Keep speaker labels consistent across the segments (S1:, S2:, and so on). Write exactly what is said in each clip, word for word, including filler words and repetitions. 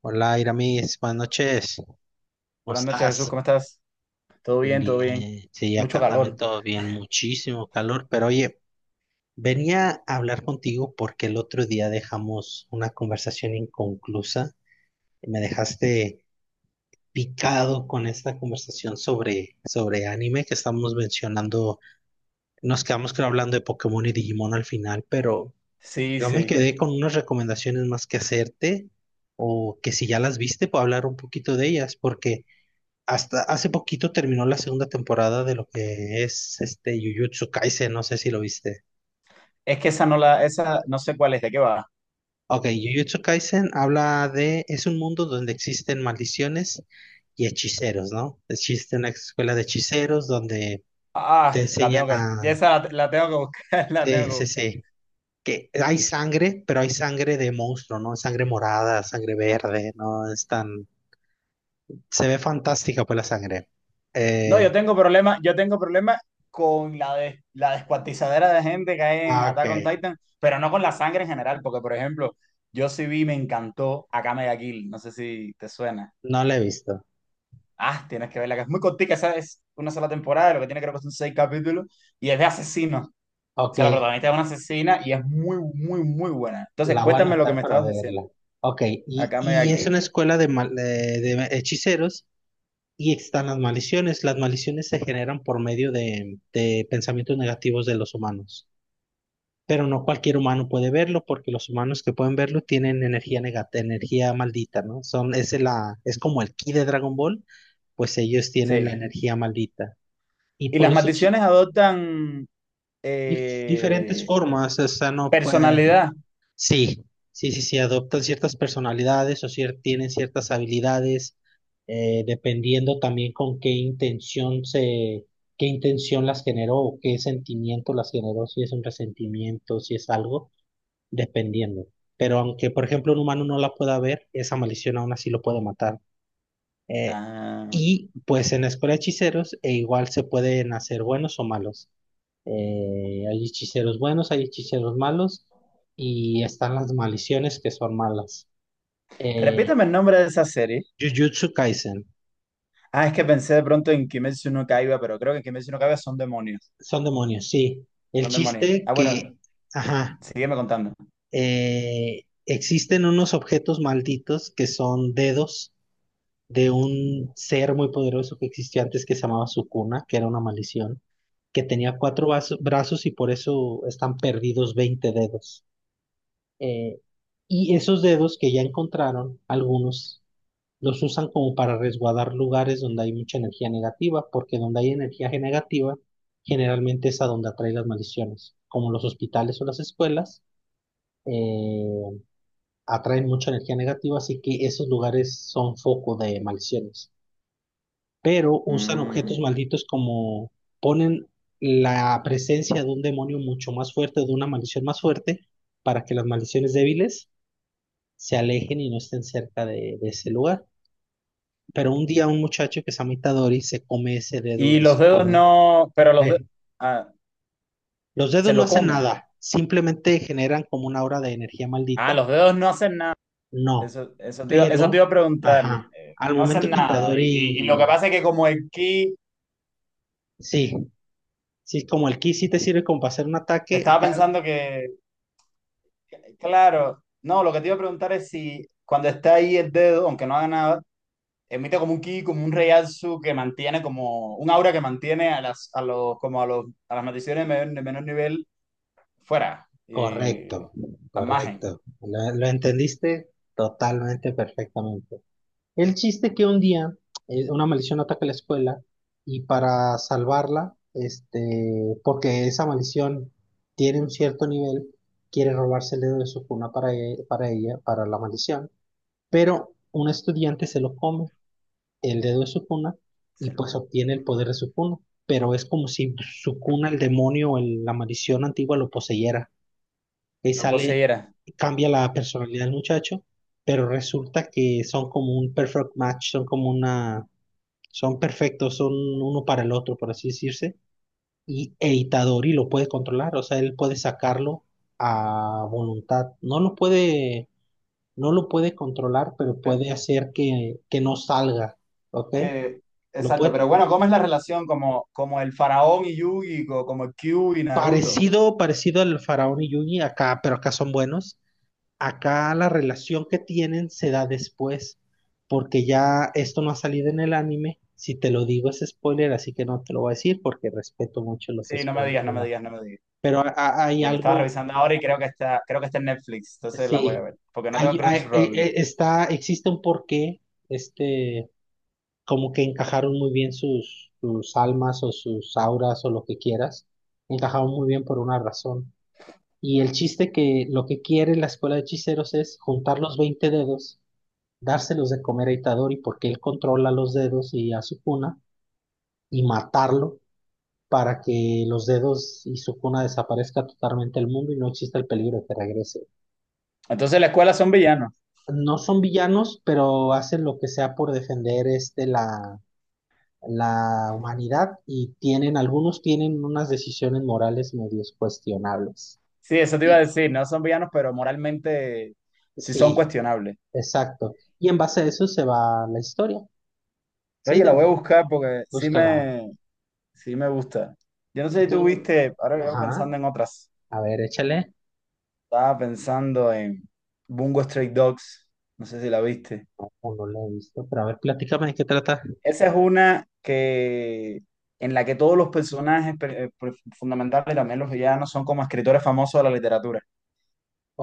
S1: Hola, Iramis, buenas noches. ¿Cómo
S2: Buenas noches, Jesús,
S1: estás?
S2: ¿cómo estás? Todo
S1: Bien,
S2: bien, todo bien.
S1: bien. Sí,
S2: Mucho
S1: acá también
S2: calor.
S1: todo bien, muchísimo calor. Pero oye, venía a hablar contigo porque el otro día dejamos una conversación inconclusa y me dejaste picado con esta conversación sobre, sobre anime que estamos mencionando. Nos quedamos, creo, hablando de Pokémon y Digimon al final, pero
S2: Sí,
S1: yo me
S2: sí.
S1: quedé con unas recomendaciones más que hacerte, o que, si ya las viste, puedo hablar un poquito de ellas, porque... Hasta hace poquito terminó la segunda temporada de lo que es este Jujutsu Kaisen, no sé si lo viste.
S2: Es que esa no la, esa no sé cuál es, ¿de qué va?
S1: Ok, Jujutsu Kaisen habla de, es un mundo donde existen maldiciones y hechiceros, ¿no? Existe una escuela de hechiceros donde te
S2: Ah, la
S1: enseñan
S2: tengo que,
S1: a,
S2: ya esa la, la tengo que buscar, la tengo
S1: sí,
S2: que
S1: sí,
S2: buscar.
S1: sí, que hay sangre, pero hay sangre de monstruo, ¿no? Sangre morada, sangre verde, ¿no? Es tan, se ve fantástica pues la sangre.
S2: No, yo
S1: Eh,
S2: tengo problema, yo tengo problema con la de, la descuartizadera de gente que hay en
S1: ah, ok,
S2: Attack on Titan, pero no con la sangre en general, porque por ejemplo, yo sí vi, me encantó Akame ga Kill, no sé si te suena.
S1: no la he visto.
S2: Ah, tienes que verla, que es muy cortica, esa es una sola temporada, lo que tiene creo que son seis capítulos, y es de asesinos. O
S1: Ok,
S2: sea, la protagonista es una asesina y es muy, muy, muy buena. Entonces,
S1: la voy a
S2: cuéntame lo que
S1: anotar
S2: me
S1: para
S2: estabas diciendo.
S1: verla. Ok, y,
S2: Acá me
S1: y es una
S2: aquí.
S1: escuela de, mal- eh, de hechiceros, y están las maldiciones. Las maldiciones se generan por medio de, de pensamientos negativos de los humanos. Pero no cualquier humano puede verlo, porque los humanos que pueden verlo tienen energía negata, energía maldita, ¿no? Son, es, la, es como el ki de Dragon Ball, pues ellos tienen la
S2: Sí.
S1: energía maldita. Y
S2: Y
S1: por
S2: las
S1: los hechi-
S2: maldiciones adoptan
S1: dif- diferentes
S2: eh,
S1: formas, o sea, no puede.
S2: personalidad.
S1: Sí, sí, sí, sí, adoptan ciertas personalidades o cier- tienen ciertas habilidades, eh, dependiendo también con qué intención se, qué intención las generó o qué sentimiento las generó, si es un resentimiento, si es algo, dependiendo. Pero aunque, por ejemplo, un humano no la pueda ver, esa maldición aún así lo puede matar. Eh,
S2: Ah.
S1: y pues en la escuela de hechiceros, e igual se pueden hacer buenos o malos. Eh, hay hechiceros buenos, hay hechiceros malos, y están las maldiciones que son malas. Eh,
S2: Repítame el nombre de esa serie.
S1: Jujutsu Kaisen,
S2: Ah, es que pensé de pronto en Kimetsu no Kaiba, pero creo que en Kimetsu no Kaiba son demonios.
S1: son demonios, sí. El
S2: Son demonios.
S1: chiste
S2: Ah, bueno,
S1: que, ajá,
S2: sígueme contando.
S1: eh, existen unos objetos malditos que son dedos de un ser muy poderoso que existió antes, que se llamaba Sukuna, que era una maldición, que tenía cuatro vaso- brazos, y por eso están perdidos veinte dedos. Eh, y esos dedos que ya encontraron, algunos los usan como para resguardar lugares donde hay mucha energía negativa, porque donde hay energía negativa, generalmente es a donde atrae las maldiciones, como los hospitales o las escuelas. eh, Atraen mucha energía negativa, así que esos lugares son foco de maldiciones. Pero usan objetos
S2: Mm.
S1: malditos como ponen la presencia de un demonio mucho más fuerte, de una maldición más fuerte, para que las maldiciones débiles se alejen y no estén cerca de, de ese lugar. Pero un día un muchacho que se llama Itadori se come ese dedo
S2: Y
S1: de
S2: los
S1: su
S2: dedos
S1: forma.
S2: no, pero los dedos,
S1: Eh, los dedos
S2: se
S1: no
S2: lo
S1: hacen
S2: come.
S1: nada, simplemente generan como una aura de energía
S2: Ah,
S1: maldita.
S2: los dedos no hacen nada.
S1: No,
S2: Eso, eso te iba, eso te
S1: pero,
S2: iba a preguntar.
S1: ajá,
S2: Eh,
S1: al
S2: no
S1: momento
S2: hacen
S1: que
S2: nada. Y, y- y lo que
S1: Itadori,
S2: pasa es que como el key,
S1: sí, sí, es como el ki sí te sirve como para hacer un ataque,
S2: estaba
S1: acá,
S2: pensando que, claro, no, lo que te iba a preguntar es si cuando está ahí el dedo, aunque no haga nada, emite como un ki, como un reiatsu que mantiene como un aura que mantiene a las, a los, como a los, a las maldiciones de menor, de menor nivel fuera. Y
S1: correcto,
S2: a margen.
S1: correcto. Lo, lo entendiste totalmente perfectamente. El chiste que un día eh, una maldición ataca la escuela, y para salvarla, este, porque esa maldición tiene un cierto nivel, quiere robarse el dedo de su cuna para, e- para ella, para la maldición, pero un estudiante se lo come, el dedo de su cuna, y
S2: Se lo,
S1: pues obtiene el poder de su cuna, pero es como si su cuna, el demonio o el- la maldición antigua lo poseyera, que
S2: lo
S1: sale,
S2: poseyera.
S1: cambia la personalidad del muchacho, pero resulta que son como un perfect match, son como una, son perfectos, son uno para el otro, por así decirse, y Eitadori lo puede controlar, o sea, él puede sacarlo a voluntad, no lo puede, no lo puede controlar, pero
S2: Eh,
S1: puede hacer que, que no salga, ¿ok?
S2: Que,
S1: Lo
S2: exacto,
S1: puede,
S2: pero bueno, ¿cómo es la relación como, como el faraón y Yugi, co- como el Q y Naruto?
S1: parecido, parecido al faraón y Yugi, acá, pero acá son buenos. Acá la relación que tienen se da después, porque ya esto no ha salido en el anime. Si te lo digo es spoiler, así que no te lo voy a decir porque respeto mucho los
S2: Sí, no me digas, no
S1: spoilers,
S2: me
S1: ¿no?
S2: digas, no me digas.
S1: Pero a- a- hay
S2: Que me estaba
S1: algo,
S2: revisando ahora y creo que está, creo que está en Netflix, entonces la voy a
S1: sí,
S2: ver, porque no tengo
S1: hay, hay- e-
S2: Crunchyroll.
S1: e- está, existe un porqué, este, como que encajaron muy bien sus, sus almas o sus auras o lo que quieras, encajaron muy bien por una razón. Y el chiste que lo que quiere la escuela de hechiceros es juntar los veinte dedos, dárselos de comer a Itadori porque él controla los dedos y a Sukuna, y matarlo para que los dedos y Sukuna desaparezca totalmente del mundo y no exista el peligro de que regrese.
S2: Entonces la escuela son villanos.
S1: No son villanos, pero hacen lo que sea por defender este la, la humanidad, y tienen, algunos tienen unas decisiones morales medio cuestionables.
S2: Sí, eso te iba a
S1: Y,
S2: decir, no son villanos, pero moralmente sí son
S1: sí,
S2: cuestionables.
S1: exacto. Y en base a eso se va la historia. Sí,
S2: Oye, la
S1: de-
S2: voy a buscar porque sí
S1: búscala.
S2: me, sí me gusta. Yo no sé
S1: Y
S2: si tú
S1: tú-
S2: viste, ahora que llevo
S1: ajá,
S2: pensando en otras.
S1: a ver, échale.
S2: Estaba pensando en Bungo Stray Dogs, no sé si la viste.
S1: No, no la he visto, pero a ver, platícame de qué trata.
S2: Esa es una que en la que todos los personajes per- eh, per- fundamentales, también los villanos, son como escritores famosos de la literatura.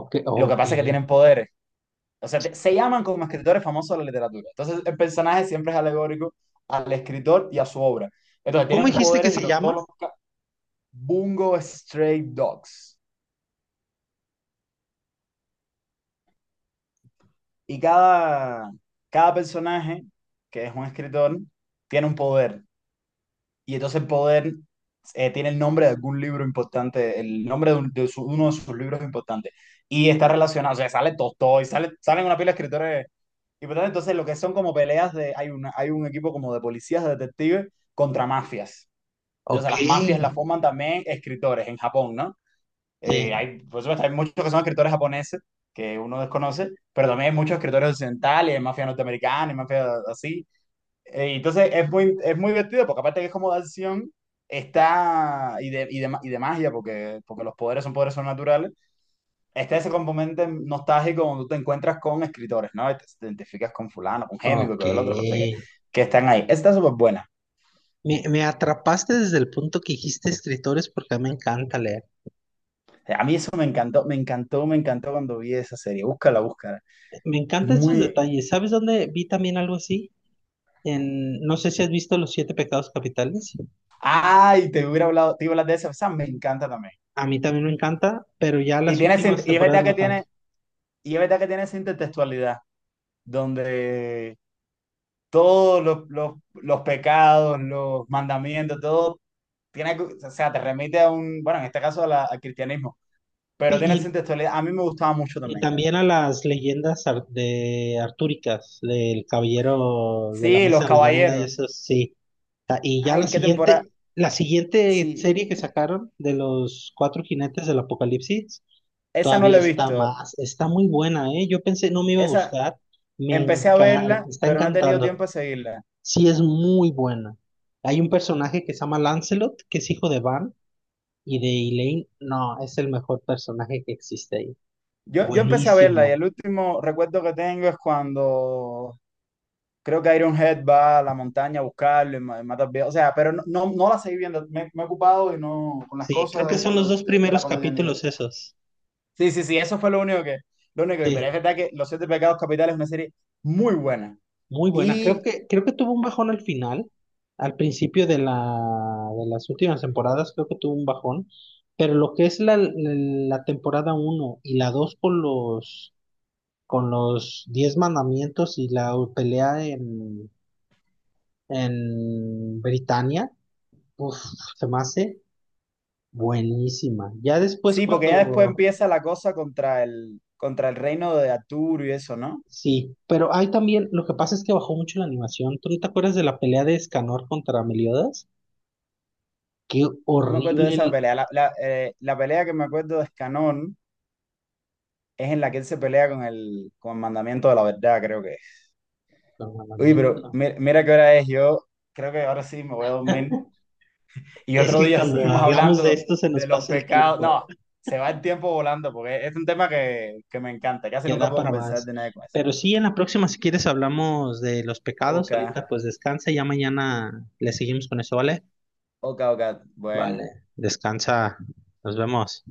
S1: Ok,
S2: Lo que
S1: ok.
S2: pasa es que tienen poderes. O sea, te- se llaman como escritores famosos de la literatura. Entonces, el personaje siempre es alegórico al escritor y a su obra. Entonces,
S1: ¿Cómo
S2: tienen
S1: dijiste que
S2: poderes y
S1: se
S2: lo-
S1: llama?
S2: todos los... ca- Bungo Stray Dogs. Y cada, cada personaje, que es un escritor, tiene un poder. Y entonces poder eh, tiene el nombre de algún libro importante, el nombre de, un- de su- uno de sus libros importantes. Y está relacionado, o sea, sale Tolstói, sale, salen una pila de escritores importantes. Entonces, lo que son como peleas de, hay una, hay un equipo como de policías, de detectives, contra mafias.
S1: Ok,
S2: Entonces, las mafias las
S1: sí,
S2: forman también escritores en Japón, ¿no? Eh, hay, por supuesto, hay muchos que son escritores japoneses, que uno desconoce, pero también hay muchos escritores occidentales, hay mafia norteamericana, hay mafia así. Eh, Entonces es muy, es muy divertido porque aparte que es como de acción está y de, y de, ma- y de magia porque, porque los poderes son poderes sobrenaturales, está ese componente nostálgico donde tú te encuentras con escritores, ¿no? Y te te identificas con fulano, con Hemingway,
S1: ok.
S2: con el otro, no sé qué, que están ahí. Esta está súper buena.
S1: Me, me atrapaste desde el punto que dijiste escritores, porque a mí me encanta leer.
S2: A mí eso me encantó, me encantó, me encantó cuando vi esa serie. Búscala, búscala.
S1: Me encantan esos
S2: Muy...
S1: detalles. ¿Sabes dónde vi también algo así? En, no sé si has visto Los Siete Pecados Capitales.
S2: Ay, te hubiera hablado, te iba a hablar de esa, esa me encanta también.
S1: A mí también me encanta, pero ya
S2: Y,
S1: las
S2: tiene, sint-
S1: últimas
S2: y es
S1: temporadas
S2: verdad que
S1: no tanto.
S2: tiene, y es verdad que tiene esa intertextualidad donde todos los, los, los pecados, los mandamientos, todo tiene, o sea, te remite a un, bueno, en este caso a la- al cristianismo, pero tiene esa
S1: Y,
S2: textualidad. A mí me gustaba mucho
S1: Y
S2: también.
S1: también a las leyendas ar- de artúricas, del caballero de la
S2: Sí, Los
S1: mesa redonda y
S2: Caballeros.
S1: eso sí. Ta- Y ya
S2: Ay,
S1: la
S2: ¿en qué temporada?
S1: siguiente, la siguiente
S2: Sí,
S1: serie que sacaron de los cuatro jinetes del apocalipsis,
S2: esa no
S1: todavía
S2: la he
S1: está
S2: visto.
S1: más, está muy buena, ¿eh? Yo pensé no me iba a
S2: Esa,
S1: gustar, me
S2: empecé a
S1: enca-
S2: verla,
S1: está
S2: pero no he tenido
S1: encantando.
S2: tiempo de seguirla.
S1: Sí, es muy buena. Hay un personaje que se llama Lancelot, que es hijo de Van y de Elaine. No, es el mejor personaje que existe ahí.
S2: Yo, yo empecé a verla y
S1: Buenísimo.
S2: el último recuerdo que tengo es cuando creo que Ironhead va a la montaña a buscarlo y ma- mata al viejo. O sea, pero no, no, no la seguí viendo. Me, me he ocupado y no con las
S1: Sí, creo
S2: cosas
S1: que
S2: de, que
S1: son los
S2: lo-
S1: dos
S2: de- de la
S1: primeros
S2: cotidianidad.
S1: capítulos esos.
S2: Sí, sí, sí, eso fue lo único que, lo único que, pero es
S1: Sí,
S2: verdad que Los Siete Pecados Capitales es una serie muy buena.
S1: muy buena. Creo
S2: Y
S1: que, creo que tuvo un bajón al final, al principio de la, de las últimas temporadas, creo que tuvo un bajón. Pero lo que es la, la temporada uno y la dos con los, con los, diez mandamientos y la pelea en, en Britania, uf, se me hace buenísima. Ya después
S2: sí, porque ya después
S1: cuando
S2: empieza la cosa contra el, contra el reino de Arturo y eso, ¿no?
S1: sí, pero hay también, lo que pasa es que bajó mucho la animación. ¿Tú no te acuerdas de la pelea de Escanor contra Meliodas? Qué
S2: No me acuerdo de
S1: horrible
S2: esa
S1: el
S2: pelea. La, la, eh, la pelea que me acuerdo de Escanón es en la que él se pelea con el, con el mandamiento de la verdad, creo que. Uy, pero
S1: programamiento.
S2: mi- mira, qué hora es. Yo creo que ahora sí me voy a dormir. Y
S1: Es
S2: otro
S1: que
S2: día
S1: cuando
S2: seguimos
S1: hablamos de
S2: hablando
S1: esto se
S2: de
S1: nos
S2: los
S1: pasa el
S2: pecados. No,
S1: tiempo,
S2: se va el tiempo volando porque es un tema que, que me encanta. Casi
S1: que
S2: nunca
S1: da
S2: puedo
S1: para
S2: conversar
S1: más.
S2: de nada con eso.
S1: Pero sí, en la próxima, si quieres, hablamos de los
S2: Ok,
S1: pecados. Ahorita pues descansa, ya mañana le seguimos con eso, ¿vale?
S2: ok, ok. Bueno.
S1: Vale, descansa, nos vemos.